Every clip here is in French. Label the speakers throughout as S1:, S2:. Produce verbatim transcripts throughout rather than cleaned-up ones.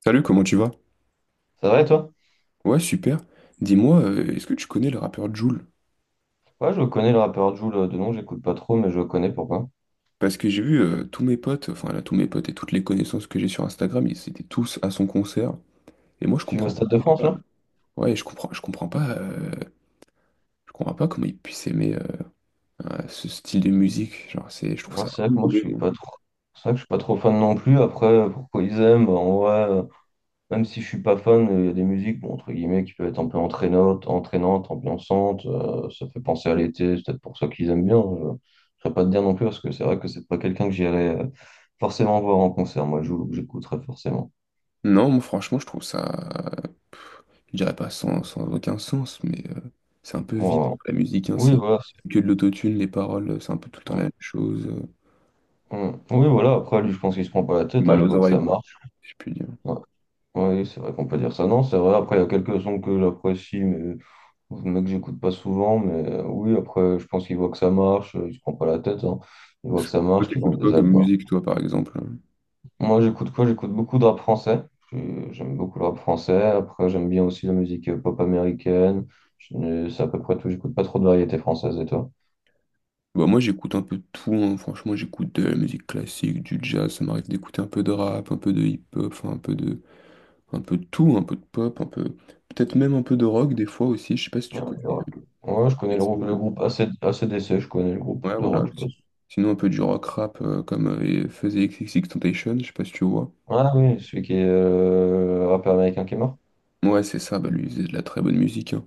S1: Salut, comment tu vas?
S2: C'est vrai, toi?
S1: Ouais, super. Dis-moi, euh, est-ce que tu connais le rappeur Jul?
S2: Ouais, je connais le rappeur Jul euh, de nom, j'écoute pas trop, mais je connais pourquoi.
S1: Parce que j'ai vu euh, tous mes potes, enfin là, tous mes potes et toutes les connaissances que j'ai sur Instagram, ils étaient tous à son concert. Et moi, je
S2: Tu es au
S1: comprends
S2: Stade de France,
S1: pas.
S2: là?
S1: Ouais, je comprends, je comprends pas. euh, je comprends pas comment ils puissent aimer euh, euh, ce style de musique. Genre, c'est, je trouve
S2: Ouais,
S1: ça
S2: c'est vrai
S1: vraiment
S2: que moi, je
S1: mauvais,
S2: suis
S1: moi.
S2: pas trop. C'est vrai que je suis pas trop fan non plus. Après, euh, pourquoi ils aiment, bah, en vrai, euh, même si je suis pas fan, euh, il y a des musiques, bon, entre guillemets, qui peuvent être un peu entraînantes, entraînantes, ambiançantes. Euh, ça fait penser à l'été, c'est peut-être pour ça qu'ils aiment bien. Je ne pas te dire non plus, parce que c'est vrai que c'est pas quelqu'un que j'irais euh, forcément voir en concert. Moi, Jul, que j'écouterais forcément.
S1: Non, moi, franchement, je trouve ça, je dirais pas sans, sans aucun sens, mais euh, c'est un peu vide
S2: Moi,
S1: la musique, hein,
S2: oui,
S1: c'est
S2: voilà. c'est-
S1: que de l'autotune, les paroles, c'est un peu tout le temps la
S2: Mm,
S1: même chose. euh,
S2: mm. Oui, voilà. Après, lui, je pense qu'il se prend pas la tête, hein,
S1: Mal
S2: il
S1: aux
S2: voit que ça
S1: oreilles, quoi.
S2: marche.
S1: Si je puis dire.
S2: Ouais. Oui, c'est vrai qu'on peut dire ça. Non, c'est vrai. Après, il y a quelques sons que j'apprécie, mais, mais que j'écoute pas souvent. Mais euh, oui, après, je pense qu'il voit que ça marche. euh, Il se prend pas la tête, hein. Il voit que ça
S1: Toi,
S2: marche, qu'il vend
S1: t'écoutes quoi
S2: des
S1: comme
S2: albums.
S1: musique, toi, par exemple?
S2: Moi, j'écoute quoi? J'écoute beaucoup de rap français. Je- J'aime beaucoup le rap français. Après, j'aime bien aussi la musique euh, pop américaine. Je- C'est à peu près tout. J'écoute pas trop de variété française. Et toi?
S1: Bah, moi, j'écoute un peu de tout, hein. Franchement, j'écoute de la musique classique, du jazz, ça m'arrive d'écouter un peu de rap, un peu de hip-hop, enfin, un peu de, un peu de tout, un peu de pop, un peu, peut-être même un peu de rock, des fois aussi, je sais pas si tu connais. euh,
S2: Ouais, je connais
S1: les
S2: le
S1: sons
S2: groupe, le
S1: de-
S2: groupe A C- A C D C. Je connais le groupe
S1: Ouais,
S2: de rock.
S1: voilà.
S2: Je
S1: si-
S2: pense.
S1: Sinon, un peu du rock rap, euh, comme euh, faisait XXXTentacion, je sais pas si tu vois.
S2: Ah oui, celui qui est euh, rappeur américain qui est mort.
S1: Ouais, c'est ça, bah, lui, il faisait de la très bonne musique, hein.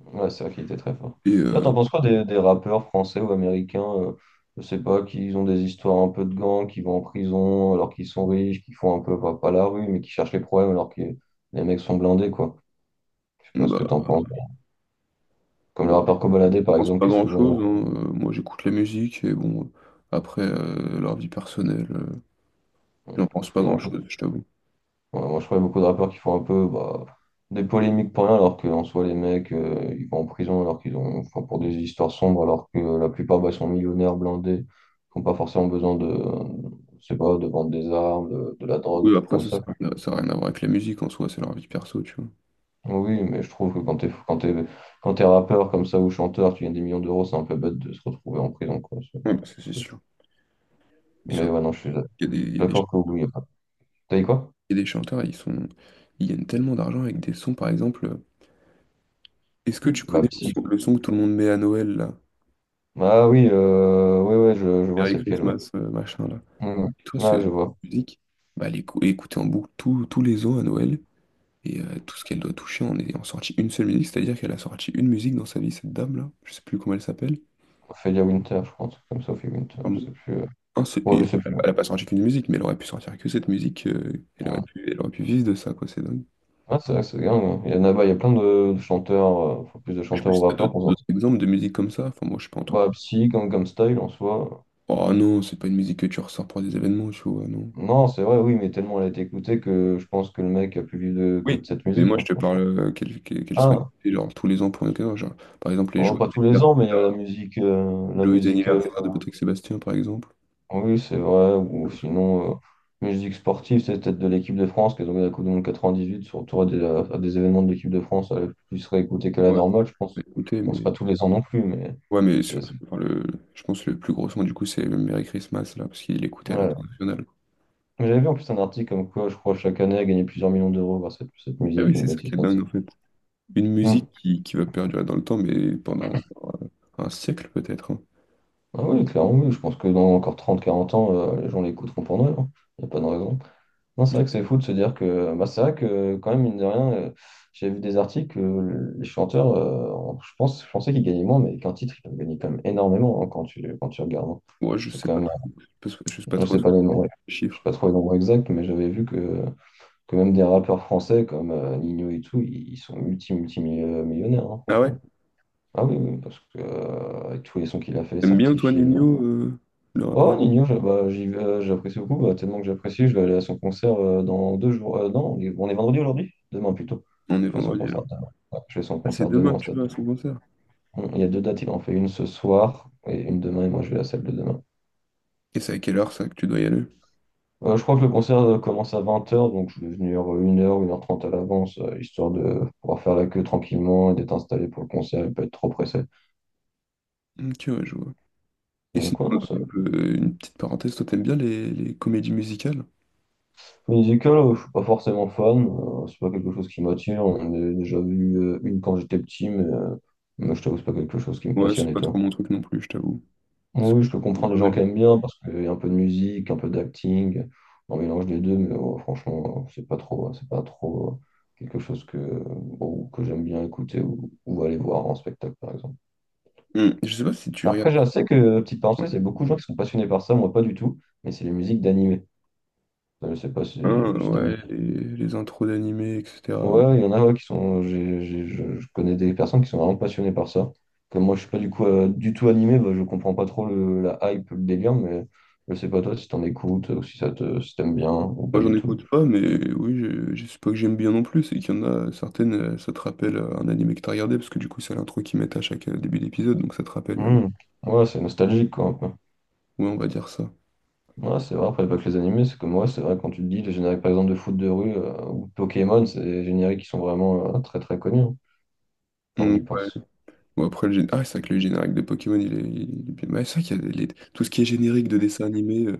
S2: Ouais, c'est vrai qu'il était très fort.
S1: Et,
S2: D'ailleurs,
S1: euh,
S2: t'en penses quoi des, des rappeurs français ou américains, euh, je sais pas, qui ont des histoires un peu de gang, qui vont en prison alors qu'ils sont riches, qui font un peu pas, pas la rue, mais qui cherchent les problèmes alors que les mecs sont blindés, quoi. Je sais pas ce que
S1: bah,
S2: t'en penses. Comme le
S1: bon, je
S2: rappeur Kobolade, par
S1: pense
S2: exemple,
S1: pas
S2: qui est
S1: grand-chose, hein. Euh, Moi, j'écoute la musique, et bon, après, euh, leur vie personnelle. euh, J'en pense pas
S2: souvent.
S1: grand-chose, je t'avoue.
S2: Ouais, moi, je crois qu'il y a beaucoup de rappeurs qui font un peu bah, des polémiques pour rien, alors qu'en soi, les mecs, euh, ils vont en prison alors qu'ils ont, enfin, pour des histoires sombres, alors que euh, la plupart bah, sont millionnaires, blindés, qui n'ont pas forcément besoin de, euh, je sais pas, de vendre des armes, de, de la drogue, des
S1: Oui,
S2: trucs
S1: après,
S2: comme
S1: ça,
S2: ça,
S1: ça n'a
S2: quoi.
S1: rien à ça a rien à voir avec la musique en soi, c'est leur vie perso, tu vois.
S2: Oui, mais je trouve que quand t'es, quand t'es, quand t'es rappeur comme ça ou chanteur, tu gagnes des millions d'euros, c'est un peu bête de se retrouver en prison, quoi. C'est-
S1: Ouais, bah, ça,
S2: c'est ce
S1: c'est
S2: que je trouve.
S1: sûr. Ils
S2: Mais
S1: sont...
S2: ouais, non, je suis
S1: Il y a des, il y a des
S2: d'accord
S1: ch-
S2: que oui, y a pas- T'as dit quoi?
S1: il y a des chanteurs, ils sont... ils gagnent tellement d'argent avec des sons, par exemple. euh, Est-ce que tu
S2: Bah,
S1: connais le
S2: psy.
S1: son, le son que tout le monde met à Noël, là?
S2: Ah oui, euh, oui, ouais, je, je vois
S1: Merry
S2: c'est lequel, ouais.
S1: Christmas, euh, machin, là.
S2: Mm.
S1: Et toi, ce-
S2: Ah, je
S1: cette
S2: vois.
S1: musique, bah, elle est écou- écoutée en boucle tous tous les ans à Noël. Et euh, tout ce qu'elle doit toucher en est en sortie une seule musique, c'est-à-dire qu'elle a sorti une musique dans sa vie, cette dame-là. Je sais plus comment elle s'appelle.
S2: Ophelia Winter, je crois, un truc comme ça, Sophie Winter, je sais plus. euh.
S1: Non, c'est-
S2: Bon, je
S1: il-
S2: sais plus.
S1: Elle a pas sorti qu'une musique, mais elle aurait pu sortir que cette musique. euh, elle aurait pu, elle aurait pu vivre de ça, quoi. C'est dingue.
S2: Ah, c'est vrai que c'est dingue, hein. Il y en a, bah, il y a plein de, de chanteurs, euh, faut plus de
S1: Je sais pas
S2: chanteurs ou
S1: si t'as
S2: rappeurs
S1: d'autres
S2: pour
S1: d'autres
S2: sortir.
S1: exemples de musique comme ça. Enfin, moi, je suis pas entre.
S2: Bah, Psy, Gangnam Style en soi.
S1: Oh non, c'est pas une musique que tu ressors pour des événements, tu vois, non.
S2: Non, c'est vrai, oui, mais tellement elle a été écoutée que je pense que le mec a plus vivre de- que de
S1: Oui.
S2: cette
S1: Mais
S2: musique,
S1: moi, je
S2: hein,
S1: te
S2: franchement.
S1: parle euh, qu'elle qu'elle qu'elle soit
S2: Ah,
S1: écoutée, genre tous les ans pour une occasion. Genre, par exemple, les
S2: oh,
S1: joyeux
S2: pas tous les
S1: anniversaires,
S2: ans, mais il y a la musique, euh, la
S1: joyeux
S2: musique euh,
S1: anniversaire de Patrick Sébastien, par exemple.
S2: Oui, c'est vrai. Ou sinon, euh, musique sportive, c'est peut-être de l'équipe de France qui a gagné la Coupe du Monde quatre-vingt-dix-huit, surtout à des, à des événements de l'équipe de France, elle est plus réécoutée que la
S1: Ouais.
S2: normale, je
S1: Bah,
S2: pense.
S1: écoutez,
S2: Bon, c'est
S1: mais.
S2: pas tous les ans non plus, mais
S1: Ouais, mais sur-
S2: c'est. c'est-
S1: enfin, le... je pense que le plus gros son, du coup, c'est le Merry Christmas, là, parce qu'il l'écoutait à
S2: Ouais.
S1: l'international.
S2: Mais j'avais vu en plus un article comme quoi, je crois, chaque année, elle gagnait plusieurs millions d'euros grâce à cette, cette
S1: Ah
S2: musique,
S1: oui,
S2: une
S1: c'est ça
S2: bêtise
S1: qui est
S2: comme ça.
S1: dingue, en fait. Une
S2: Hmm.
S1: musique qui, qui va perdurer dans le temps, mais pendant euh, un siècle peut-être, hein.
S2: Ah oui, clairement, oui. Je pense que dans encore trente quarante ans, euh, les gens l'écouteront pour nous. Il n'y a pas de raison. Non, c'est vrai que c'est fou de se dire que bah, c'est vrai que quand même, mine de rien, euh, j'ai vu des articles, euh, les chanteurs, euh, en- je pense, je pensais qu'ils gagnaient moins, mais qu'un titre, ils peuvent gagner quand même énormément, hein, quand tu, quand tu regardes, hein.
S1: Moi, je
S2: C'est
S1: sais
S2: quand
S1: pas
S2: même,
S1: trop. Je sais pas je sais pas
S2: euh, je
S1: trop
S2: sais
S1: les
S2: pas les nombres, je sais
S1: chiffres.
S2: pas trop les nombres exacts, mais j'avais vu que, que même des rappeurs français comme euh, Nino et tout, ils, ils sont multi, multi millionnaires,
S1: Ah ouais?
S2: franchement. Ah oui, oui, parce que euh, avec tous les sons qu'il a fait,
S1: T'aimes bien toi,
S2: certifié.
S1: Nino, euh, le
S2: Oh,
S1: rappeur?
S2: Nino, je- bah, j'y vais, euh, j'apprécie beaucoup, bah, tellement que j'apprécie, je vais aller à son concert euh, dans deux jours. Euh, non, on est on est vendredi aujourd'hui? Demain plutôt.
S1: On est
S2: Je vais à son
S1: vendredi là.
S2: concert demain. Ouais, je vais à son
S1: Ah, c'est
S2: concert demain
S1: demain
S2: au
S1: que tu
S2: stade.
S1: vas à son concert.
S2: Hum, Il y a deux dates, il en fait une ce soir et une demain, et moi je vais à celle de demain.
S1: Et c'est à quelle heure ça que tu dois y aller?
S2: Euh, je crois que le concert euh, commence à vingt heures, donc je vais venir une heure une heure trente à l'avance, euh, histoire de pouvoir faire la queue tranquillement et d'être installé pour le concert et pas être trop pressé.
S1: Ok, ouais, je vois. Et sinon,
S2: Donc, ouais, non, ça.
S1: un peu- une petite parenthèse, toi, t'aimes bien les, les comédies musicales?
S2: Musical, euh, je suis pas forcément fan, euh, c'est pas quelque chose qui m'attire. On en a déjà vu euh, une quand j'étais petit, mais, euh, mais je t'avoue, c'est pas quelque chose qui me
S1: Ouais, c'est
S2: passionne, et
S1: pas trop
S2: toi?
S1: mon truc non plus, je t'avoue. Parce
S2: Oui,
S1: que
S2: je peux
S1: j'ai
S2: comprendre
S1: pas
S2: les gens
S1: mal
S2: qui
S1: de-
S2: aiment bien parce qu'il y a un peu de musique, un peu d'acting, un mélange des deux, mais euh, franchement, euh, c'est pas trop, c'est pas trop euh, quelque chose que, bon, que j'aime bien écouter ou, ou aller voir en spectacle, par exemple.
S1: Hmm, je sais pas si tu regardes.
S2: Après, je sais que, euh, petite parenthèse, il y a beaucoup de gens qui sont passionnés par ça, moi pas du tout, mais c'est les musiques d'animé. Euh, Je sais pas si,
S1: Ah,
S2: c'est
S1: ouais, les, les intros d'animés, et cætera.
S2: ouais, il y en a ouais, qui sont. j'ai- j'ai- je, je connais des personnes qui sont vraiment passionnées par ça. Comme moi, je suis pas du coup euh, du tout animé, bah, je comprends pas trop le- la hype, le délire, mais je sais pas toi si t'en écoutes, ou si ça te, si t'aimes bien, ou pas
S1: Moi, j'en
S2: du tout.
S1: écoute pas, mais oui, je, je sais pas que j'aime bien non plus, c'est qu'il y en a certaines, euh, ça te rappelle euh, un animé que t'as regardé, parce que du coup, c'est l'intro qu'ils mettent à chaque euh, début d'épisode, donc ça te rappelle. euh, les-
S2: Hmm. Ouais, c'est nostalgique, quoi, un peu.
S1: Ouais, on va dire ça.
S2: Ouais, c'est vrai, après, pas que les animés, c'est comme ouais, c'est vrai, quand tu te dis, les génériques, par exemple, de foot de rue euh, ou de Pokémon, c'est des génériques qui sont vraiment euh, très très connus, hein, quand on
S1: Mm.
S2: y pense.
S1: Bon, après, le gén- ah, C'est vrai que le générique de Pokémon, il est, il est bien. Ouais, c'est vrai qu'il y a des- les- Tout ce qui est générique de dessin animé, euh,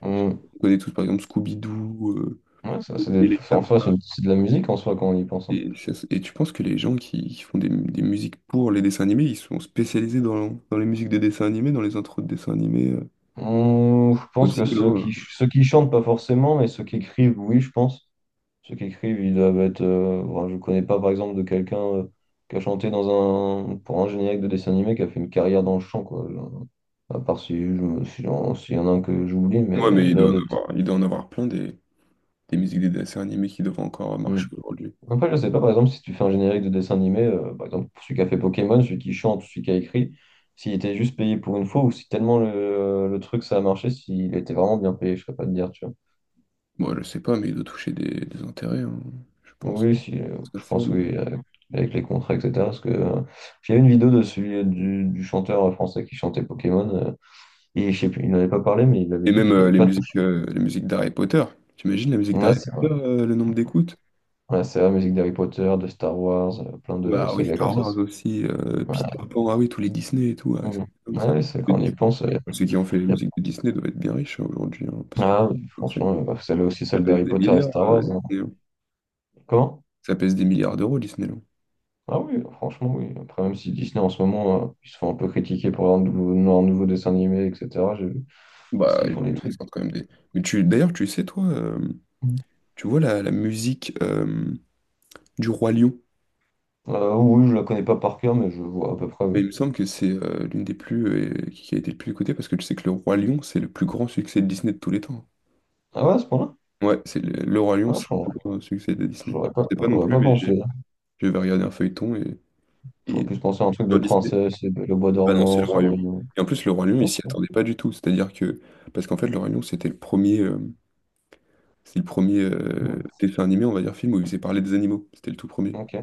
S2: Hmm.
S1: on connaît tous, par exemple, Scooby-Doo, euh,
S2: Ouais, ça, c'est
S1: et
S2: des-
S1: les
S2: en
S1: Taffes.
S2: soi, c'est une- c'est de la musique en soi, quand on y pense, hein.
S1: Et, ça- et tu penses que les gens qui, qui font des, des musiques pour les dessins animés, ils sont spécialisés dans, dans les musiques des dessins animés, dans les intros de dessins animés, euh,
S2: Hum, je pense
S1: aussi.
S2: que ceux qui, ceux qui chantent, pas forcément, mais ceux qui écrivent, oui, je pense. Ceux qui écrivent, ils doivent être. Euh, bon, je connais pas, par exemple, de quelqu'un euh, qui a chanté dans un, pour un générique de dessin animé qui a fait une carrière dans le chant, quoi. Je- À part si je me- si j'en- s'il y en a un que j'oublie,
S1: Ouais,
S2: mais
S1: mais il
S2: là,
S1: doit en
S2: de.
S1: avoir, il doit en avoir plein des, des musiques des dessins animés qui doivent encore
S2: Hum.
S1: marcher aujourd'hui.
S2: Après, je sais pas, par exemple, si tu fais un générique de dessin animé, euh, par exemple, celui qui a fait Pokémon, celui qui chante, celui qui a écrit, s'il était juste payé pour une fois ou si tellement le, le truc ça a marché, s'il était vraiment bien payé, je serais pas de dire, tu vois.
S1: Moi, je sais pas, mais il doit toucher des, des intérêts, hein, je pense.
S2: Oui, si, euh,
S1: Parce que
S2: je
S1: c'est-
S2: pense oui, avec, avec les contrats, et cetera. Parce que euh, j'ai vu une vidéo de celui du, du chanteur français qui chantait Pokémon. Euh, et je sais plus, il n'en avait pas parlé, mais il avait
S1: Et
S2: dit
S1: même
S2: qu'il
S1: euh,
S2: n'avait
S1: les
S2: pas.
S1: musiques, euh, les musiques d'Harry Potter. T'imagines la musique
S2: Ouais,
S1: d'Harry
S2: c'est vrai.
S1: Potter, euh, le nombre d'écoutes?
S2: Ouais, c'est vrai, musique d'Harry Potter, de Star Wars, euh, plein
S1: Ouais,
S2: de
S1: ah oui,
S2: sagas comme
S1: Star
S2: ça.
S1: Wars
S2: c'est-
S1: aussi, euh,
S2: Ouais.
S1: Peter Pan, ah oui, tous les Disney et tout, ah ouais, ça,
S2: Mm.
S1: c'est dingue, ça,
S2: Ouais, c'est
S1: le
S2: quand on y
S1: Disney.
S2: pense. euh,
S1: Enfin, ceux qui ont fait les
S2: y a-
S1: musiques de Disney doivent être bien riches hein, aujourd'hui, hein, parce que
S2: Ah, oui,
S1: enfin,
S2: franchement,
S1: ça,
S2: euh, bah, celle aussi,
S1: ça
S2: celle
S1: pèse
S2: d'Harry
S1: des
S2: Potter et
S1: milliards,
S2: Star Wars,
S1: euh,
S2: hein.
S1: Disney, hein.
S2: Comment?
S1: Ça pèse des milliards d'euros, Disneyland.
S2: Ah oui, franchement, oui. Après, même si Disney en ce moment, euh, ils se font un peu critiquer pour leur nouveau, leur nouveau dessin animé, et cetera. J'ai vu. Parce
S1: Bah,
S2: qu'ils
S1: ils
S2: font
S1: ont-
S2: des
S1: ils
S2: trucs.
S1: sortent quand même des. Mais tu, d'ailleurs, tu sais, toi, euh, tu vois la, la musique euh, du Roi Lion.
S2: Euh, oui, je la connais pas par cœur, mais je vois à peu près,
S1: Bah,
S2: oui.
S1: il me semble que c'est euh, l'une des plus. Euh, qui a été le plus écoutée parce que tu sais que le Roi Lion, c'est le plus grand succès de Disney de tous les temps.
S2: Ah ouais, à ce point-là?
S1: Ouais, c'est le, le Roi Lion,
S2: Ah,
S1: c'est le
S2: je-
S1: plus grand succès de Disney. Je
S2: j'aurais pas,
S1: ne sais pas non
S2: j'aurais
S1: plus,
S2: pas
S1: mais j'ai-
S2: pensé, hein.
S1: J'avais regardé un feuilleton et,
S2: J'aurais
S1: et
S2: plus pensé à un truc de
S1: sur Disney,
S2: princesse, et le bois
S1: bah non, c'est
S2: dormant,
S1: le Roi Lion.
S2: Cendrillon.
S1: Et en plus, le Roi Lion, il
S2: Non.
S1: s'y attendait pas du tout. C'est-à-dire que. Parce qu'en fait, le Roi Lion, c'était le premier. Euh, c'est le premier
S2: Ouais.
S1: euh, dessin animé, on va dire, film où il faisait parler des animaux. C'était le tout premier.
S2: Ok.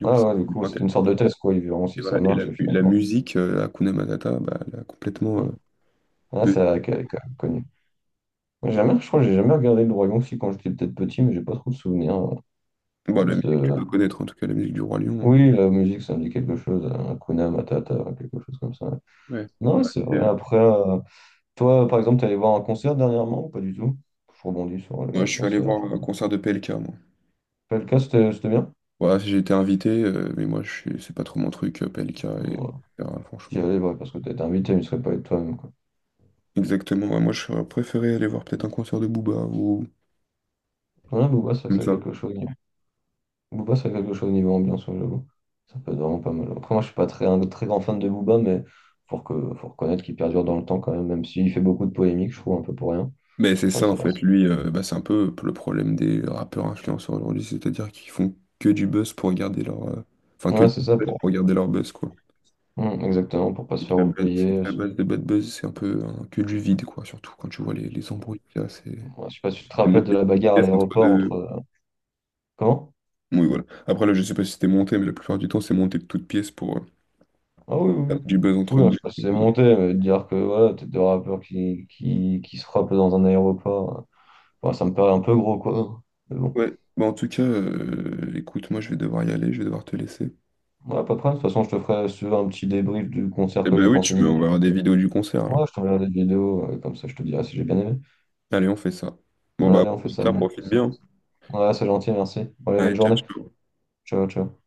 S1: Donc,
S2: Ah
S1: c'est
S2: ouais, du coup,
S1: super
S2: c'est une
S1: intéressant.
S2: sorte de test, quoi. Ils verront
S1: Et
S2: si ça
S1: voilà, et la,
S2: marche, et
S1: la
S2: finalement.
S1: musique, euh, Hakuna Matata, bah, elle a complètement...
S2: Hmm.
S1: euh,
S2: Ah,
S1: de...
S2: c'est vrai qu'elle est quand même connue. J'ai Jamais, Je crois que j'ai jamais regardé le Dragon si quand j'étais peut-être petit, mais j'ai pas trop de souvenirs. euh,
S1: bon,
S2: de...
S1: la musique, tu
S2: ce-
S1: dois connaître, en tout cas, la musique du Roi Lion, hein.
S2: Oui, la musique, ça me dit quelque chose. euh, Hakuna Matata, quelque chose comme ça.
S1: Ouais.
S2: Non, ouais,
S1: Bah,
S2: c'est
S1: c'est-
S2: vrai.
S1: euh,
S2: Après, euh, toi, par exemple, t'es allé voir un concert dernièrement ou pas du tout? Je rebondis sur
S1: Moi,
S2: les
S1: je suis allé
S2: concerts.
S1: voir un concert de P L K, moi.
S2: Pelka, c'était c'était bien?
S1: Voilà, j'ai été invité, euh, mais moi, je suis... c'est pas trop mon truc, euh, P L K, et...
S2: Ouais.
S1: etc.,
S2: J'y
S1: franchement.
S2: allais, ouais, parce que t'as été invité, mais tu serais pas allé de toi-même, quoi.
S1: Exactement, ouais, moi, j'aurais préféré aller voir peut-être un concert de Booba, ou
S2: Ouais, Booba, ça,
S1: comme
S2: ça a
S1: ça.
S2: quelque chose. Booba, ça a quelque chose niveau ambiance, ouais, j'avoue. Ça peut être vraiment pas mal. Après, moi, je suis pas très, un très grand fan de Booba, mais faut, que, faut reconnaître qu'il perdure dans le temps quand même, même s'il fait beaucoup de polémiques, je trouve, un peu pour rien.
S1: Mais c'est
S2: Après,
S1: ça, en
S2: ça va.
S1: fait, lui, euh, bah, c'est un peu le problème des rappeurs influenceurs aujourd'hui, c'est-à-dire qu'ils font que du buzz pour garder leur... euh, Enfin, que
S2: Ouais,
S1: du
S2: c'est ça,
S1: buzz
S2: pour.
S1: pour garder leur buzz, quoi.
S2: Hum, exactement, pour pas
S1: C'est
S2: se
S1: que
S2: faire
S1: la base c'est que
S2: oublier.
S1: la base de Bad Buzz, c'est un peu hein, que du vide, quoi. Surtout quand tu vois les, les embrouilles qu'il y a, c'est
S2: Ouais, je sais pas si tu te
S1: c'est
S2: rappelles de
S1: monté de
S2: la
S1: toutes
S2: bagarre à
S1: pièces entre
S2: l'aéroport entre.
S1: deux.
S2: euh, Comment?
S1: Oui, voilà. Après, là, je sais pas si c'était monté, mais la plupart du temps, c'est monté de toutes pièces pour euh,
S2: Ah oui, oui,
S1: faire
S2: oui.
S1: du buzz entre
S2: Oui, hein, je
S1: deux.
S2: sais pas si c'est monté, mais de dire que voilà, t'es deux rappeurs qui, qui, qui se frappent dans un aéroport, euh, enfin, ça me paraît un peu gros, quoi. Mais bon,
S1: Ouais, bah en tout cas, euh, écoute, moi, je vais devoir y aller, je vais devoir te laisser.
S2: voilà, pas de problème. De toute façon, je te ferai si tu veux, un petit débrief du concert
S1: Eh
S2: que
S1: ben
S2: j'ai
S1: oui,
S2: pensé de
S1: tu
S2: Nino.
S1: me verra des vidéos du concert, alors.
S2: Ouais, je t'enverrai des vidéos, euh, comme ça je te dirai si j'ai bien aimé.
S1: Allez, on fait ça. Bon,
S2: Ouais,
S1: bah,
S2: allez, on fait ça,
S1: au
S2: bon,
S1: profite
S2: ça.
S1: bien.
S2: Ouais, c'est gentil, merci. Allez, bonne
S1: Allez, ciao,
S2: journée.
S1: ciao.
S2: Ciao, ciao.